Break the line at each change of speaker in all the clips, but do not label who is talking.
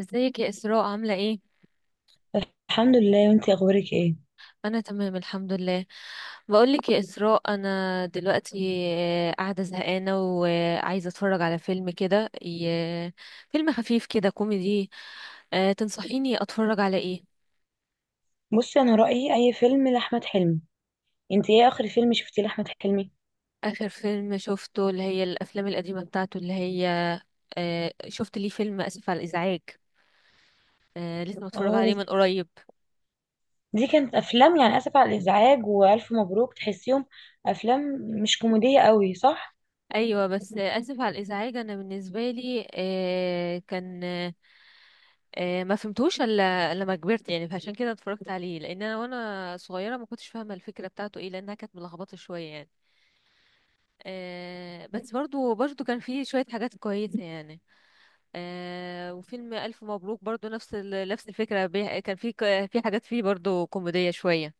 ازيك يا إسراء؟ عاملة ايه؟
الحمد لله، وانتي اخبارك ايه؟
أنا تمام الحمد لله. بقولك يا إسراء، أنا دلوقتي قاعدة زهقانة وعايزة أتفرج على فيلم كده، فيلم خفيف كده كوميدي. تنصحيني أتفرج على ايه؟
بصي، انا رايي اي فيلم لاحمد حلمي. انتي ايه اخر فيلم شفتيه لاحمد حلمي؟
آخر فيلم شفته اللي هي الأفلام القديمة بتاعته، اللي هي شفت ليه فيلم آسف على الإزعاج. لسه متفرج عليه
اه،
من قريب.
دي كانت افلام يعني اسف على الازعاج والف مبروك، تحسيهم افلام مش كوميديه قوي، صح؟
ايوه، بس اسف على الازعاج انا بالنسبه لي كان ما فهمتوش الا لما كبرت يعني، فعشان كده اتفرجت عليه، لان انا وانا صغيره ما كنتش فاهمه الفكره بتاعته ايه، لانها كانت ملخبطه شويه يعني. بس برضو كان فيه شويه حاجات كويسه يعني. وفيلم الف مبروك برضو نفس نفس الفكره كان فيه في حاجات فيه برضو كوميديه شويه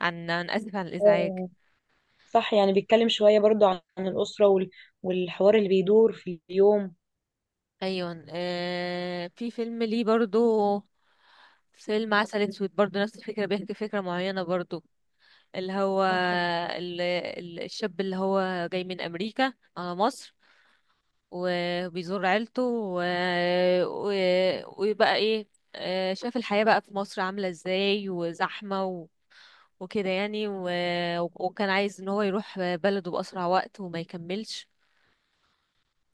عن اسف على الازعاج.
اه، صح، يعني بيتكلم شويه برضو عن الاسره والحوار اللي بيدور في اليوم.
ايوه آه، في فيلم ليه برضو، فيلم عسل اسود، برضو نفس الفكره بيحكي فكره معينه برضو، اللي هو
صح،
الشاب اللي هو جاي من امريكا على مصر وبيزور عيلته ويبقى ايه، شاف الحياه بقى في مصر عامله ازاي وزحمه وكده يعني، وكان عايز ان هو يروح بلده باسرع وقت وما يكملش.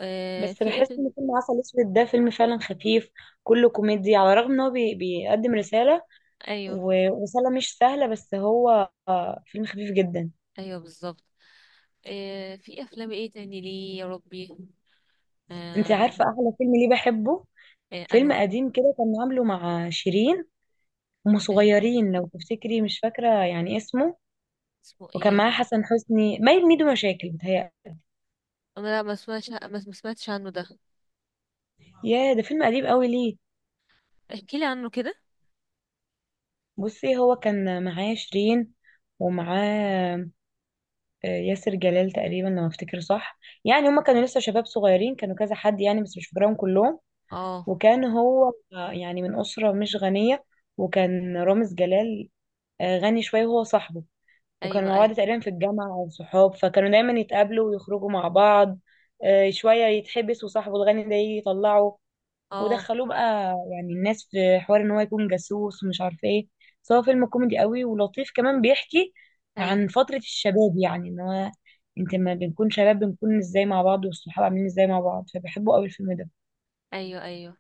بس
في ايه
بحس
فيلم؟
ان فيلم عسل اسود ده فيلم فعلا خفيف، كله كوميدي، على الرغم ان هو بيقدم رساله،
ايوه
ورساله مش سهله، بس هو فيلم خفيف جدا.
ايوه بالظبط. آه، في افلام ايه تاني ليه يا ربي؟
انت
آه.
عارفة احلى فيلم ليه بحبه؟
آه
فيلم
انو.
قديم كده، كان عامله مع شيرين، هما
آه،
صغيرين لو تفتكري، مش فاكرة يعني اسمه.
اسمه
وكان
ايه؟
معاه حسن حسني، باين ميدو، مشاكل بتهيألي.
انا لا، ما سمعتش، ما سمعتش عنه ده.
يا، ده فيلم قديم قوي ليه.
احكي لي عنه كده.
بصي، هو كان معاه شيرين، ومعاه ياسر جلال تقريبا لو افتكر صح. يعني هما كانوا لسه شباب صغيرين، كانوا كذا حد يعني، بس مش فاكراهم كلهم.
اه.
وكان هو يعني من أسرة مش غنية، وكان رامز جلال غني شوية، وهو صاحبه. وكانوا
ايوه
مع بعض
ايوه.
تقريبا في الجامعة أو صحاب، فكانوا دايما يتقابلوا ويخرجوا مع بعض. شوية يتحبس وصاحبه الغني ده يجي يطلعه،
اه.
ودخلوه بقى، يعني الناس في حوار إن هو يكون جاسوس ومش عارف إيه. بس هو فيلم كوميدي قوي ولطيف، كمان بيحكي
ايوه.
عن فترة الشباب، يعني إن هو، أنت
م-
لما
م.
بنكون شباب بنكون إزاي مع بعض، والصحاب عاملين إزاي مع بعض، فبحبه قوي الفيلم ده.
ايوه ايوه.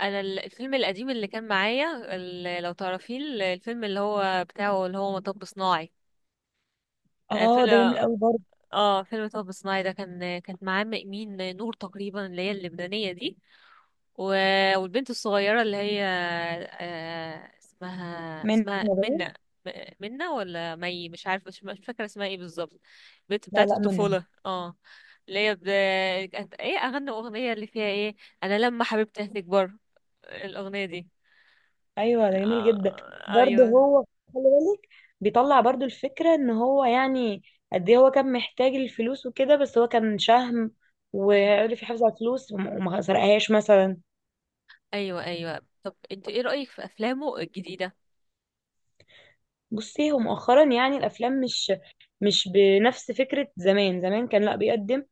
انا الفيلم القديم اللي كان معايا لو تعرفيه، الفيلم اللي هو بتاعه اللي هو مطب صناعي. آه،
آه، ده
فيلم.
جميل قوي برضه.
اه، فيلم مطب صناعي ده كان، كانت معاه مين، نور تقريبا، اللي هي اللبنانية دي، والبنت الصغيرة اللي هي اسمها
منة
منى.
باين؟
م- منى ولا مي، مش عارفة، مش فاكرة اسمها ايه بالظبط، البنت
لا
بتاعت
لا، منة.
الطفولة. اه، اللي هي ب... كانت ايه أغنى أغنية اللي فيها ايه؟ أنا لما حبيبتي هتكبر، الأغنية دي.
ايوه، ده جميل جدا. برضه
أيوه
هو، خلي بالك، بيطلع برضه الفكره ان هو يعني قد ايه هو كان محتاج الفلوس وكده، بس هو كان شهم
أيوه.
وعرف يحافظ على الفلوس، وما سرقهاش مثلا.
أيوه أيوه، طب انت ايه رأيك في أفلامه الجديدة؟
بصي، هو مؤخرا يعني الافلام مش مش بنفس فكره زمان. زمان كان لا بيقدم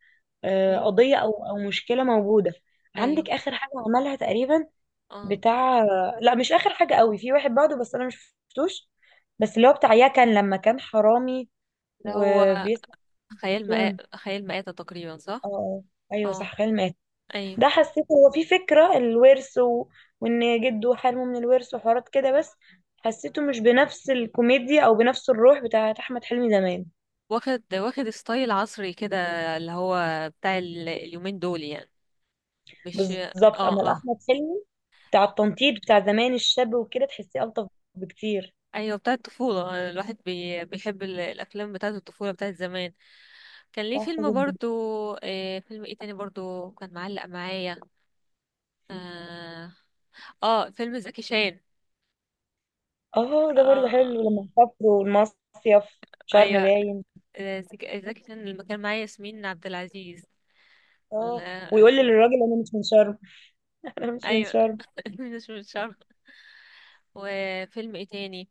أيوه.
قضيه او مشكله موجوده.
أيوه.
عندك اخر حاجه عملها تقريبا،
اه.
بتاع، لا مش اخر حاجه قوي، في واحد بعده بس انا مش شفتوش، بس اللي هو بتاع يكن لما كان حرامي
ده هو
وبيسمع أم
خيال
كلثوم.
مآتة، خيال مآتة تقريبا،
اه،
صح؟
ايوه،
اه.
صح، خال مات.
أيوه.
ده حسيت هو في فكرة الورث وان جده حرمه من الورث وحوارات كده، بس حسيته مش بنفس الكوميديا او بنفس الروح بتاعت احمد حلمي زمان.
واخد ستايل عصري كده، اللي هو بتاع اليومين دول يعني، مش
بالظبط،
اه
اما
اه.
احمد حلمي بتاع التنطيط بتاع زمان الشاب وكده، تحسيه الطف بكتير.
ايوه بتاع الطفولة. الواحد بي... بيحب الافلام بتاعة الطفولة بتاعة زمان. كان ليه
صح
فيلم
جدا.
برضو. آه، فيلم ايه تاني برضو كان معلق معايا؟ اه, آه، فيلم زكي شان.
اه، ده برضه
آه.
حلو لما سافروا المصيف، شرم
ايوه.
باين.
آه، زكي شان اللي كان معايا ياسمين عبد العزيز، ال-
اه، ويقول
الفيلم-
للراجل انا مش من شرم. انا مش من
ايوه.
شرم.
مش عارفة. وفيلم ايه تاني؟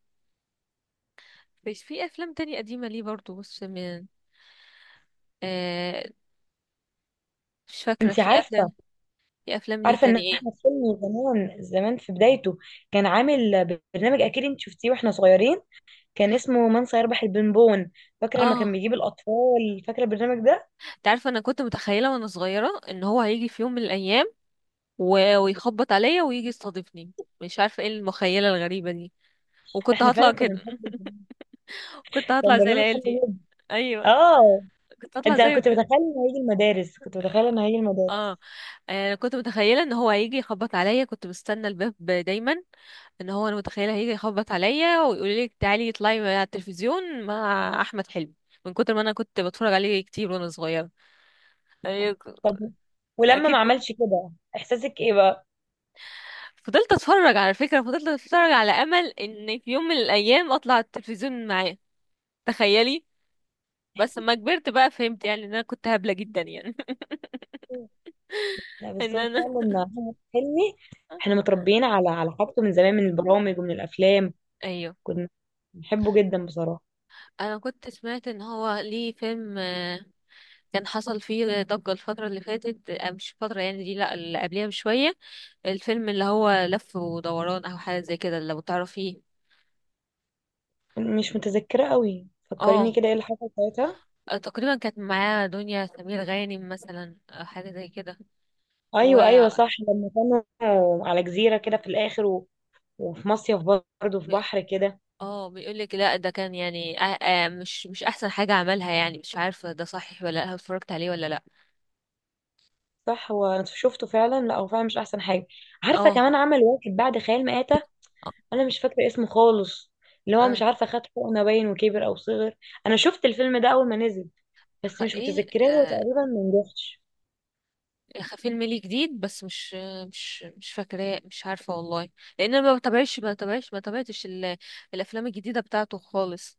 بس في افلام تانية قديمة ليه برضو، بص من آه مش فاكرة
انت
في
عارفه،
افلام. في افلام ليه
عارفه ان
تاني ايه؟
احمد حلمي زمان زمان في بدايته كان عامل برنامج، اكيد انت شفتيه واحنا صغيرين، كان اسمه من سيربح البنبون. فاكره لما كان
اه.
بيجيب الاطفال، فاكره البرنامج ده؟
انت عارفة، انا كنت متخيلة وانا صغيرة ان هو هيجي في يوم من الايام ويخبط عليا ويجي يستضيفني، مش عارفة ايه المخيلة الغريبة دي، وكنت
احنا فعلا
هطلع
كنا
كده.
بنحب البرنامج.
كنت هطلع
كان
زي
برنامج
العيال
حلو
دي.
جدا.
ايوه.
اه،
كنت هطلع
انت
زيه
كنت
كده.
متخيل انه هيجي المدارس كنت متخيل انه هيجي المدارس؟
اه، انا كنت متخيلة ان هو هيجي يخبط عليا، كنت مستنى الباب دايما ان هو، انا متخيله هيجي يخبط عليا ويقول لك تعالي اطلعي على التلفزيون مع احمد حلمي، من كتر ما انا كنت بتفرج عليه كتير وانا صغيره يعني.
طب، ولما ما
اكيد،
عملش كده احساسك ايه بقى؟
فضلت اتفرج على فكره، فضلت اتفرج على امل ان في يوم من الايام اطلع على التلفزيون معاه، تخيلي. بس لما كبرت بقى فهمت يعني ان انا كنت هبله جدا يعني.
لا، بس
ان
هو
انا.
فعلا احمد حلمي، احنا متربيين على حاجته من زمان، من البرامج ومن الافلام.
ايوه،
كنا بنحبه جدا بصراحه.
انا كنت سمعت ان هو ليه فيلم كان حصل فيه ضجه الفتره اللي فاتت، مش الفتره يعني دي، لا اللي قبلها بشويه، الفيلم اللي هو لف ودوران او حاجه زي كده، لو تعرفيه.
مش متذكرة قوي،
اه،
فكريني كده، ايه اللي حصل ساعتها؟
تقريبا كانت معاه دنيا سمير غانم مثلا أو حاجه زي كده. و
ايوه ايوه، صح، لما كانوا على جزيرة كده في الاخر وفي مصيف، برضه في
بي-
بحر كده.
اه، بيقول لك لا، ده كان يعني آه آه، مش احسن حاجه عملها يعني، مش عارفه ده صحيح ولا لا، اتفرجت عليه ولا لا.
صح، هو انا شفته فعلا، لا هو فعلا مش احسن حاجة. عارفة
اه.
كمان عمل واحد بعد خيال مآتة،
اه.
انا مش فاكرة اسمه خالص، اللي هو
آه،
مش عارفة خد حقنة باين وكبر او صغر. انا شفت الفيلم ده اول ما نزل، بس مش
ايه؟
متذكراه، هو
آه،
تقريبا ما نجحش.
فيلم ليه جديد بس، مش مش فاكراه، مش عارفه والله، لان انا ما بتابعش ما تابعتش الافلام الجديده بتاعته خالص.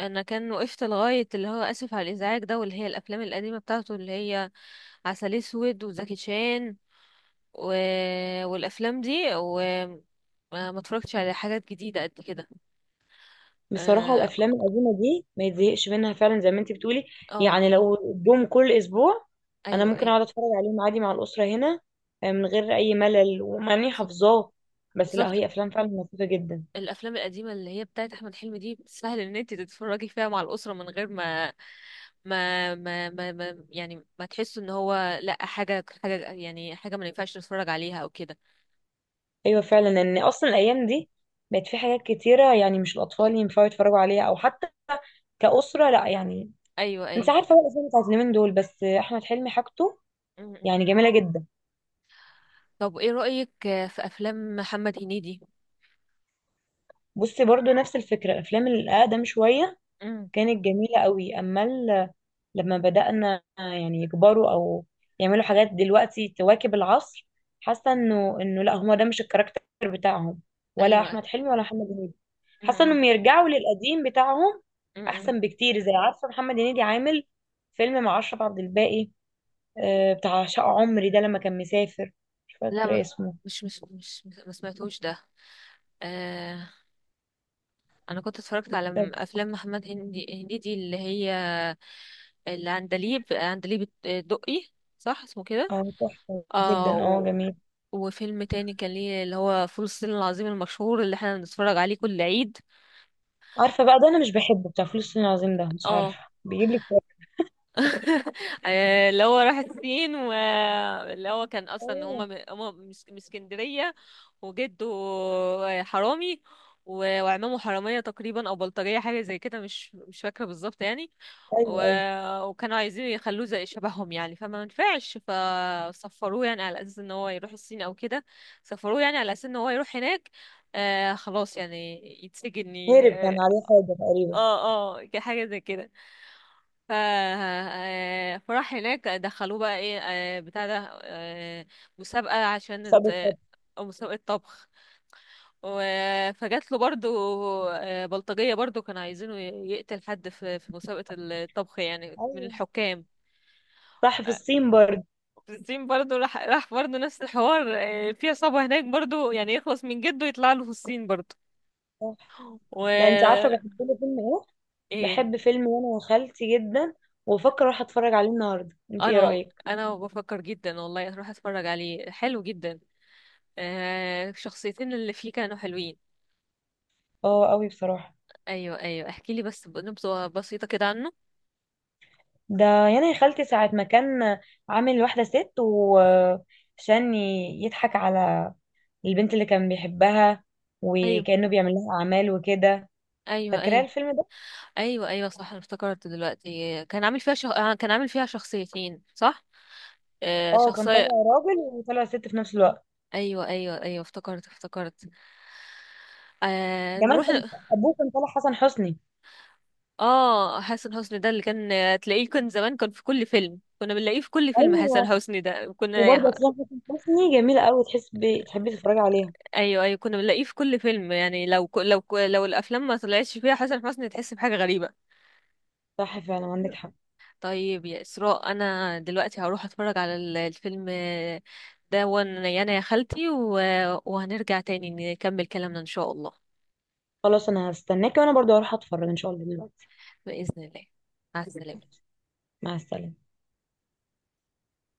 انا كان وقفت لغايه اللي هو اسف على الازعاج ده واللي هي الافلام القديمه بتاعته اللي هي عسل اسود وزكي شان و... والافلام دي، وما ما اتفرجتش على حاجات جديده قد كده.
بصراحة
اه.
الأفلام القديمة دي ما يتزهقش منها فعلا زي ما انتي بتقولي،
آه.
يعني لو جم كل أسبوع أنا
ايوه
ممكن
ايوه
أقعد أتفرج عليهم عادي مع الأسرة هنا، من غير أي ملل، ومع إني
بالظبط.
حافظاه. بس لا،
بالظبط.
هي أفلام فعلا لطيفة جدا.
الافلام القديمه اللي هي بتاعت احمد حلمي دي سهل ان انت تتفرجي فيها مع الاسره من غير ما يعني ما تحسوا ان هو لا، حاجه حاجه يعني، حاجه ما ينفعش نتفرج عليها او كده.
أيوة فعلا، إن أصلا الأيام دي بقت في حاجات كتيرة، يعني مش الأطفال ينفعوا يتفرجوا عليها أو حتى كأسرة، لا يعني.
ايوه
أنت
ايوه.
عارفة بقى الأفلام بتاعت اليومين دول، بس أحمد حلمي حاجته
م- م.
يعني جميلة جدا.
طب ايه رأيك في افلام محمد هنيدي؟
بصي، برضو نفس الفكرة، الأفلام الأقدم شوية
امم.
كانت جميلة قوي، أما لما بدأنا يعني يكبروا، أو يعملوا حاجات دلوقتي تواكب العصر، حاسة إنه لا، هما ده مش الكاركتر بتاعهم، ولا
ايوه.
أحمد حلمي ولا محمد هنيدي. حاسة
امم.
إنهم يرجعوا للقديم بتاعهم
امم.
أحسن بكتير. زي عارفة محمد هنيدي عامل فيلم مع أشرف عبد الباقي، بتاع شقة عمري ده لما كان مسافر، مش
لا،
فاكرة
ما-
اسمه.
مش مش مش ما سمعتوش ده. آه، انا كنت اتفرجت على
طب.
افلام محمد هنيدي اللي هي، اللي عندليب الدقي، صح اسمه كده؟
اه، تحفة
اه.
جدا، اه، جميل.
وفيلم تاني كان ليه اللي هو فول الصين العظيم، المشهور اللي احنا بنتفرج عليه كل عيد.
عارفة بقى ده أنا مش بحبه، بتاع فلوس الصين العظيم ده، مش
اه.
عارفة بيجيب لي
اللي هو راح الصين، واللي هو كان اصلا
اكتئاب.
هما هما مش اسكندريه، وجده حرامي، وعمامه حراميه تقريبا او بلطجيه، حاجه زي كده، مش فاكره بالظبط يعني.
ايوه
و...
ايوه،
وكانوا عايزين يخلوه زي شبههم يعني، فما نفعش، فسفروه يعني على اساس ان هو يروح الصين او كده. سفروه يعني على اساس ان هو يروح هناك، آه خلاص يعني يتسجن
هرب كان عليه حاجه تقريبا،
اه اه، حاجه زي كده. ف فراح هناك، دخلوه بقى ايه بتاع ده مسابقة، عشان
بسبب حرب.
مسابقة طبخ، فجات له برضو بلطجية برضو كانوا عايزينه يقتل حد في في مسابقة الطبخ يعني، من
ايوه
الحكام.
صح، في الصين برضه.
في الصين برضو، راح برضو نفس الحوار، في عصابة هناك برضو يعني يخلص من جده، يطلع له في الصين برضو.
صح. لا، انت عارفه
و
بحب له فيلم ايه؟
ايه؟
بحب فيلم وانا وخالتي جدا، وبفكر اروح اتفرج عليه النهارده، انت ايه
انا والله،
رايك؟
انا بفكر جدا والله اروح اتفرج عليه، حلو جدا. آه، شخصيتين اللي فيه كانوا حلوين.
اه قوي بصراحه.
ايوه ايوه، احكي لي بس نبذة بسيطة كده عنه.
ده يعني يا خالتي ساعه ما كان عامل واحده ست، وعشان يضحك على البنت اللي كان بيحبها،
ايوه.
وكانه بيعمل لها اعمال وكده.
ايوه
فاكره
ايوه.
الفيلم ده؟
ايوه ايوه صح، انا افتكرت دلوقتي كان عامل فيها شخ... كان عامل فيها شخصيتين، صح. آه
اه، كان
شخصية.
طالع راجل وطالع ست في نفس الوقت.
ايوه ايوه ايوه، افتكرت افتكرت. آه
كمان
نروح.
كان ابوه كان طالع حسن حسني.
اه، حسن حسني ده اللي كان تلاقيه كان زمان، كان في كل فيلم، كنا بنلاقيه في كل فيلم حسن
ايوه،
حسني ده كنا.
وبرضه افلام حسن حسني جميله قوي، تحس تحبي تتفرجي عليها.
ايوه ايوه، كنا بنلاقيه في كل فيلم يعني، لو الافلام ما طلعتش فيها حسن حسني تحس بحاجه غريبه.
صح، فعلا عندك حق.
طيب يا اسراء، انا دلوقتي هروح اتفرج على الفيلم ده وانا يعني يا خالتي، وهنرجع تاني نكمل كلامنا ان شاء الله.
خلاص، انا هستناكي، وانا برضه هروح اتفرج ان شاء الله دلوقتي.
باذن الله، مع السلامه.
مع السلامه.